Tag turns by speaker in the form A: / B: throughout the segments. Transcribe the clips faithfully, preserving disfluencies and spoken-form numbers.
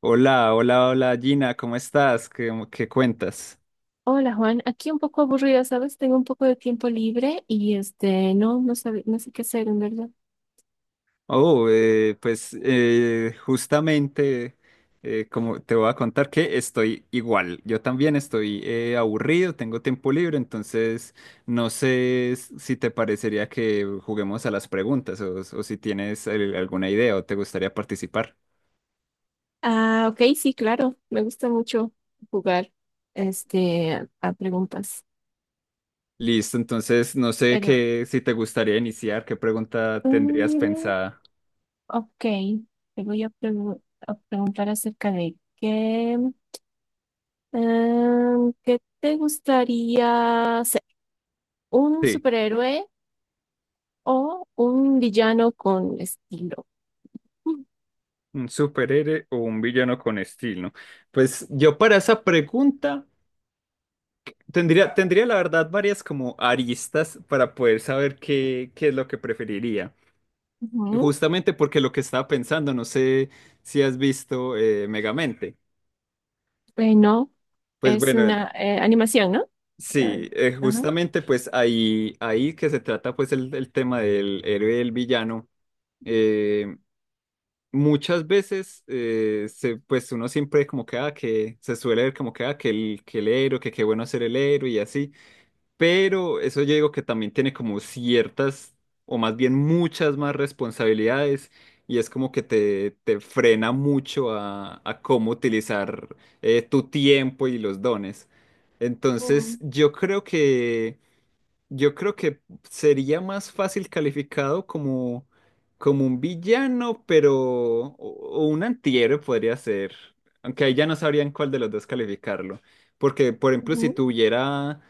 A: Hola, hola, hola Gina, ¿cómo estás? ¿Qué, qué cuentas?
B: Hola Juan, aquí un poco aburrida, ¿sabes? Tengo un poco de tiempo libre y este, no, no sabe- no sé qué hacer en verdad.
A: Oh, eh, pues eh, justamente eh, como te voy a contar que estoy igual, yo también estoy eh, aburrido, tengo tiempo libre, entonces no sé s- si te parecería que juguemos a las preguntas o, o si tienes eh, alguna idea o te gustaría participar.
B: Ah, ok, sí, claro, me gusta mucho jugar este, a, a preguntas.
A: Listo, entonces no sé
B: Pero,
A: qué, si te gustaría iniciar, qué pregunta tendrías
B: mm,
A: pensada.
B: ok, te voy a, pregu- a preguntar acerca de qué, em, ¿qué te gustaría ser? ¿Un
A: Sí.
B: superhéroe o un villano con estilo?
A: ¿Un superhéroe o un villano con estilo? Pues yo para esa pregunta tendría, tendría la verdad varias como aristas para poder saber qué, qué es lo que preferiría.
B: Ujú.
A: Justamente porque lo que estaba pensando, no sé si has visto eh, Megamente.
B: Bueno,
A: Pues
B: es
A: bueno,
B: una eh, animación, ¿no? Ah,
A: sí, eh,
B: ajá.
A: justamente pues ahí, ahí que se trata pues el, el tema del héroe y el villano. eh, Muchas veces, eh, se, pues uno siempre como que, ah, que se suele ver como que, ah, que el, que el héroe, que qué bueno ser el héroe y así, pero eso yo digo que también tiene como ciertas, o más bien muchas más responsabilidades, y es como que te, te frena mucho a, a cómo utilizar eh, tu tiempo y los dones. Entonces,
B: Oh,
A: yo creo que yo creo que sería más fácil calificado como, como un villano, pero o, o un antihéroe podría ser. Aunque ahí ya no sabrían cuál de los dos calificarlo. Porque, por ejemplo, si
B: ujú.
A: tuviera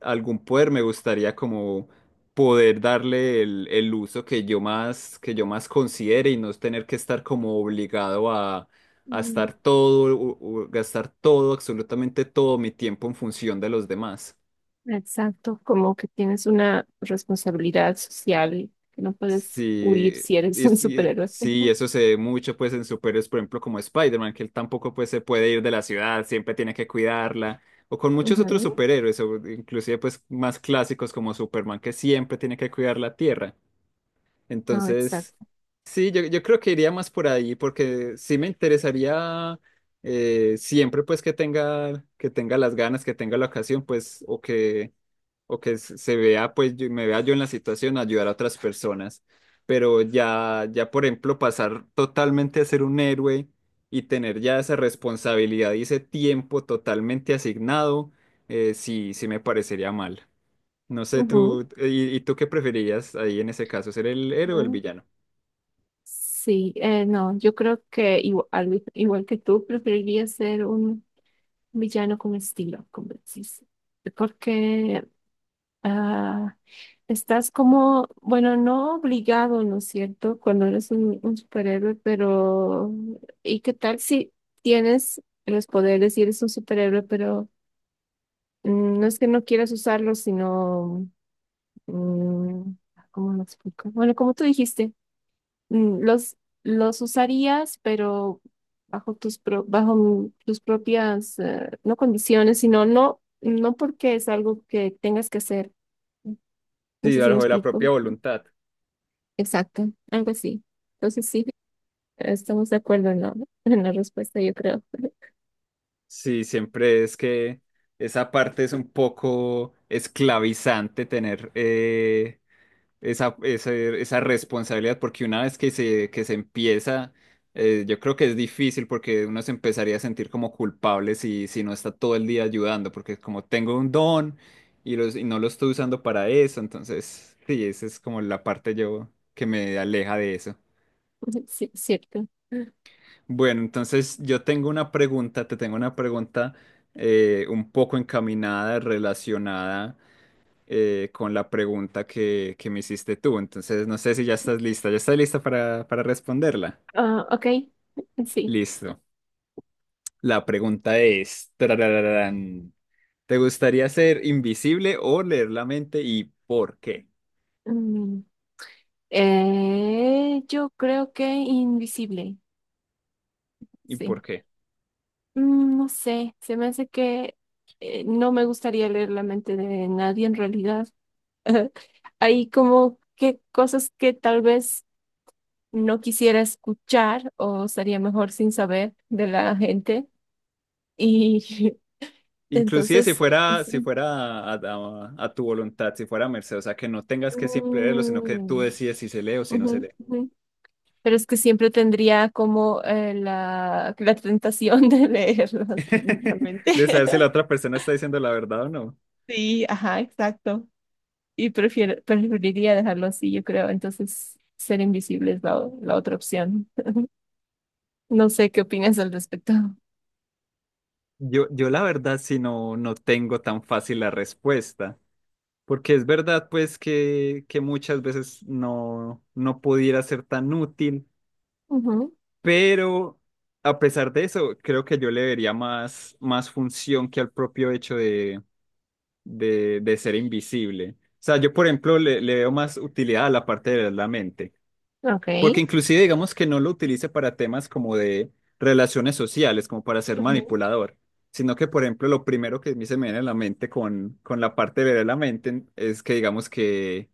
A: algún poder, me gustaría como poder darle el, el uso que yo más, que yo más considere y no tener que estar como obligado a, a
B: Mm,
A: estar todo, u- u- gastar todo, absolutamente todo mi tiempo en función de los demás.
B: exacto, como que tienes una responsabilidad social que no puedes huir
A: Sí,
B: si eres un
A: es- y-
B: superhéroe.
A: sí, eso se ve mucho pues en superhéroes, por ejemplo, como Spider-Man, que él tampoco pues se puede ir de la ciudad, siempre tiene que cuidarla, o con muchos otros
B: Ujú,
A: superhéroes, o inclusive pues más clásicos como Superman, que siempre tiene que cuidar la Tierra.
B: no,
A: Entonces,
B: exacto.
A: sí, yo, yo creo que iría más por ahí, porque sí me interesaría eh, siempre pues que tenga, que tenga las ganas, que tenga la ocasión, pues, o que o que se se vea, pues yo- me vea yo en la situación, ayudar a otras personas. Pero ya, ya, por ejemplo, pasar totalmente a ser un héroe y tener ya esa responsabilidad y ese tiempo totalmente asignado, eh, sí, sí me parecería mal. No sé,
B: Ujú.
A: tú, ¿y, y tú qué preferirías ahí en ese caso, ser el héroe o el
B: Ujú.
A: villano?
B: Sí, eh, no, yo creo que igual al- igual que tú, preferiría ser un villano con estilo, como decís, porque ah, estás como, bueno, no obligado, ¿no es cierto? Cuando eres un, un superhéroe, pero ¿y qué tal si tienes los poderes y eres un superhéroe, pero mm, no es que no quieras usarlos, sino, mm, ah, ¿cómo lo explico? Bueno, como tú dijiste, mm, los, los usarías, pero bajo tus, pro- bajo mm, tus propias, eh, no condiciones, sino no, no porque es algo que tengas que hacer. No
A: Sí,
B: sé si me
A: bajo la
B: explico.
A: propia voluntad.
B: Exacto, algo así. Entonces sí, estamos de acuerdo en la, en la respuesta, yo creo.
A: Sí, siempre es que esa parte es un poco esclavizante tener eh, esa, esa, esa responsabilidad, porque una vez que se, que se empieza, eh, yo creo que es difícil porque uno se empezaría a sentir como culpable si, si no está todo el día ayudando, porque como tengo un don y, los, y no lo estoy usando para eso, entonces sí, esa es como la parte yo que me aleja de eso.
B: Sí, es cierto.
A: Bueno, entonces yo tengo una pregunta, te tengo una pregunta eh, un poco encaminada, relacionada eh, con la pregunta que, que me hiciste tú. Entonces, no sé si ya estás lista. ¿Ya estás lista para, para responderla?
B: Ah, ok, sí.
A: Listo. La pregunta es, tarararán, ¿te gustaría ser invisible o leer la mente y por qué?
B: Mm, eh, yo creo que invisible,
A: ¿Y
B: sí.
A: por qué?
B: Mm, no sé, se me hace que eh, no me gustaría leer la mente de nadie en realidad. Hay como que cosas que tal vez no quisiera escuchar o sería mejor sin saber de la gente. Y
A: Inclusive si
B: entonces,
A: fuera, si
B: sí.
A: fuera a, a- a tu voluntad, si fuera a merced, o sea, que no tengas que siempre leerlo, sino que tú
B: Mm,
A: decides si se lee o si no se lee.
B: ujú, ujú. Pero es que siempre tendría como eh, la, la tentación de leerlos realmente.
A: De saber si la otra persona está diciendo la verdad o no.
B: Sí, ajá, exacto. Y prefiero, preferiría dejarlo así, yo creo. Entonces, ser invisible es la, la otra opción. No sé qué opinas al respecto.
A: Yo, yo la verdad, si no, no tengo tan fácil la respuesta. Porque es verdad, pues, que, que muchas veces no, no pudiera ser tan útil,
B: Ujú,
A: pero a pesar de eso, creo que yo le vería más, más función que al propio hecho de, de, de ser invisible. O sea, yo, por ejemplo, le, le veo más utilidad a la parte de la mente, porque
B: ok.
A: inclusive digamos que no lo utilice para temas como de relaciones sociales, como para ser
B: Ujú.
A: manipulador, sino que, por ejemplo, lo primero que a mí se me viene a la mente con, con la parte de la mente es que digamos que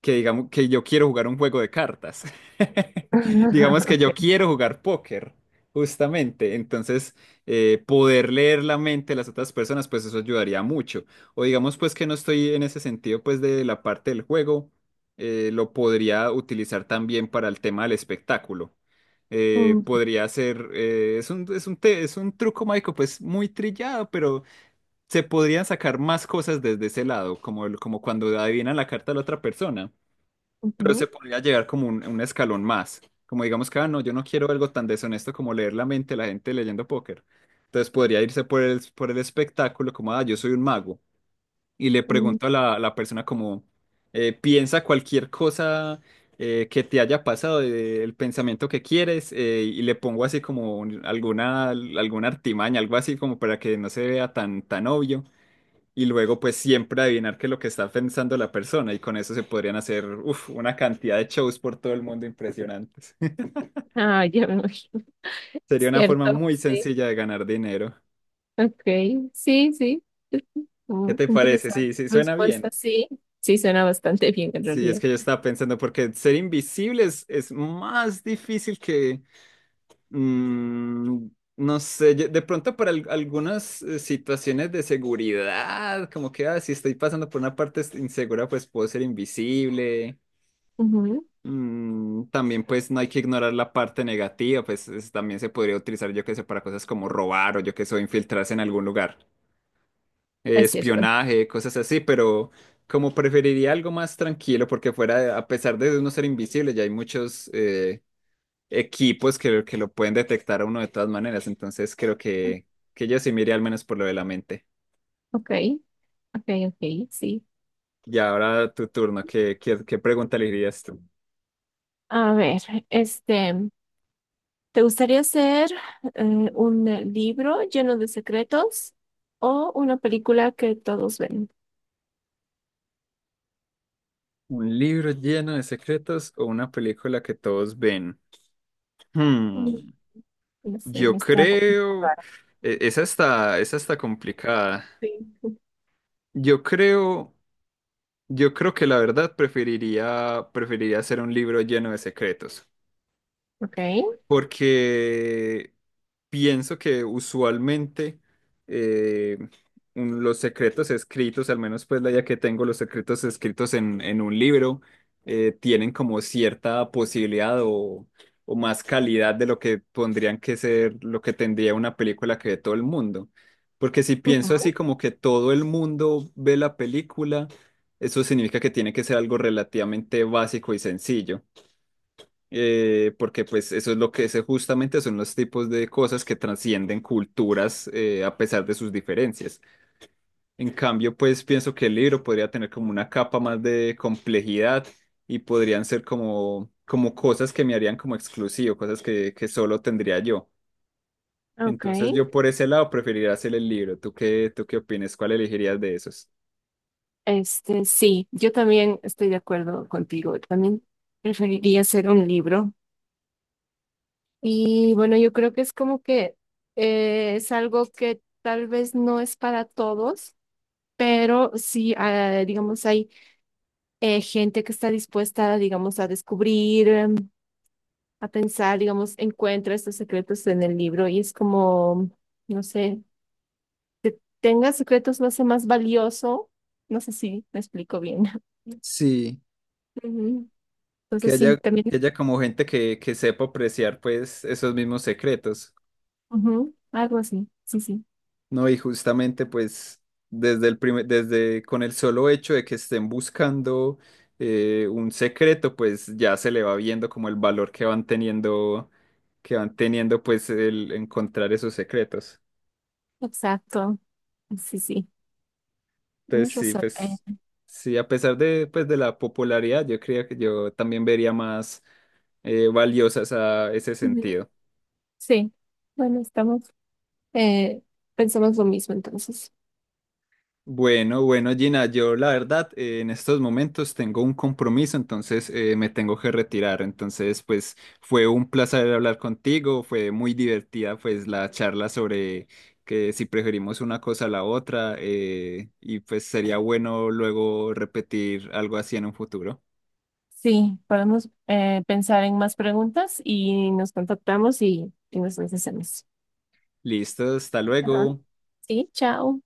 A: que digamos que yo quiero jugar un juego de cartas. Digamos que
B: Ok.
A: yo quiero jugar póker, justamente. Entonces, eh, poder leer la mente de las otras personas, pues eso ayudaría mucho. O digamos pues que no estoy en ese sentido pues de la parte del juego, eh, lo podría utilizar también para el tema del espectáculo. Eh,
B: Mm,
A: podría ser, eh, es un, es un, te- es un truco mágico pues muy trillado, pero se podrían sacar más cosas desde ese lado, como, el- como cuando adivinan la carta de la otra persona
B: ujú,
A: podría llegar como un, un escalón más. Como digamos que, ah, no, yo no quiero algo tan deshonesto como leer la mente de la gente leyendo póker. Entonces podría irse por el, por el espectáculo como, ah, yo soy un mago. Y le
B: mm.
A: pregunto a la, la persona como, eh, piensa cualquier cosa eh, que te haya pasado, eh, el pensamiento que quieres, eh, y le pongo así como un- alguna, alguna artimaña, algo así como para que no se vea tan, tan obvio y luego pues siempre adivinar qué es lo que está pensando la persona y con eso se podrían hacer uf, una cantidad de shows por todo el mundo impresionantes.
B: Ah, ya me imagino.
A: Sería una forma
B: Cierto,
A: muy
B: sí.
A: sencilla de ganar dinero.
B: Ok, sí, sí.
A: ¿Qué
B: Mm,
A: te parece?
B: interesante
A: Sí, sí, suena
B: respuesta,
A: bien.
B: sí. Sí, suena bastante bien en
A: Sí, es
B: realidad.
A: que yo estaba pensando porque ser invisible es, es más difícil que... mm, no sé, yo- de pronto para al- algunas eh, situaciones de seguridad, como que ah, si estoy pasando por una parte insegura, pues puedo ser invisible.
B: Ujú,
A: Mm, también pues no hay que ignorar la parte negativa, pues es- también se podría utilizar yo que sé para cosas como robar o yo que sé infiltrarse en algún lugar, eh,
B: es cierto.
A: espionaje, cosas así, pero como preferiría algo más tranquilo porque fuera, de- a pesar de uno ser invisible, ya hay muchos eh, equipos que, que lo pueden detectar a uno de todas maneras, entonces creo que, que yo sí me iría al menos por lo de la mente.
B: Ok, ok, ok, sí.
A: Y ahora tu turno, ¿qué, qué, qué pregunta le dirías tú?
B: A ver, este, ¿te gustaría hacer eh, un eh, libro lleno de secretos o una película que todos ven?
A: ¿Un libro lleno de secretos o una película que todos ven?
B: Mm,
A: Hmm,
B: no sé,
A: yo
B: está ro- como
A: creo,
B: raro.
A: e- esa está, esa está complicada.
B: Sí.
A: Yo creo, yo creo que la verdad preferiría, preferiría hacer un libro lleno de secretos,
B: Ok.
A: porque pienso que usualmente eh, un- los secretos escritos, al menos pues la idea que tengo, los secretos escritos en, en un libro, eh, tienen como cierta posibilidad o, o más calidad de lo que pondrían que ser, lo que tendría una película que ve todo el mundo. Porque si pienso así
B: Ujú.
A: como que todo el mundo ve la película, eso significa que tiene que ser algo relativamente básico y sencillo, eh, porque pues eso es lo que es justamente son los tipos de cosas que trascienden culturas, eh, a pesar de sus diferencias. En cambio, pues pienso que el libro podría tener como una capa más de complejidad y podrían ser como, como cosas que me harían como exclusivo, cosas que, que solo tendría yo.
B: Ok.
A: Entonces yo por ese lado preferiría hacer el libro. ¿Tú qué, tú qué opinas? ¿Cuál elegirías de esos?
B: Este, sí, yo también estoy de acuerdo contigo. También preferiría hacer un libro. Y bueno, yo creo que es como que eh, es algo que tal vez no es para todos, pero sí, ah, digamos, hay eh, gente que está dispuesta, digamos, a descubrir. Em, a pensar, digamos, encuentra estos secretos en el libro y es como, no sé, tenga secretos lo hace más valioso. No sé si me explico bien.
A: Sí,
B: Ujú.
A: Que
B: Entonces sí,
A: haya,
B: también,
A: que haya como gente que, que sepa apreciar pues esos mismos secretos.
B: ujú, algo así, sí, sí,
A: No, y justamente pues desde el primer, desde con el solo hecho de que estén buscando eh, un secreto, pues ya se le va viendo como el valor que van teniendo, que van teniendo, pues el encontrar esos secretos.
B: exacto, sí, sí,
A: Entonces
B: tienes
A: sí,
B: razón. Eh,
A: pues sí, a pesar de pues de la popularidad, yo creía que yo también vería más eh, valiosas a ese
B: ujú,
A: sentido.
B: sí, bueno, estamos, eh, pensamos lo mismo entonces.
A: Bueno, bueno, Gina, yo la verdad eh, en estos momentos tengo un compromiso, entonces eh, me tengo que retirar. Entonces, pues fue un placer hablar contigo, fue muy divertida pues la charla sobre que si preferimos una cosa a la otra, eh, y pues sería bueno luego repetir algo así en un futuro.
B: Sí, podemos eh, pensar en más preguntas y nos contactamos y, y nos las hacemos.
A: Listo, hasta
B: Ajá,
A: luego.
B: sí, chao.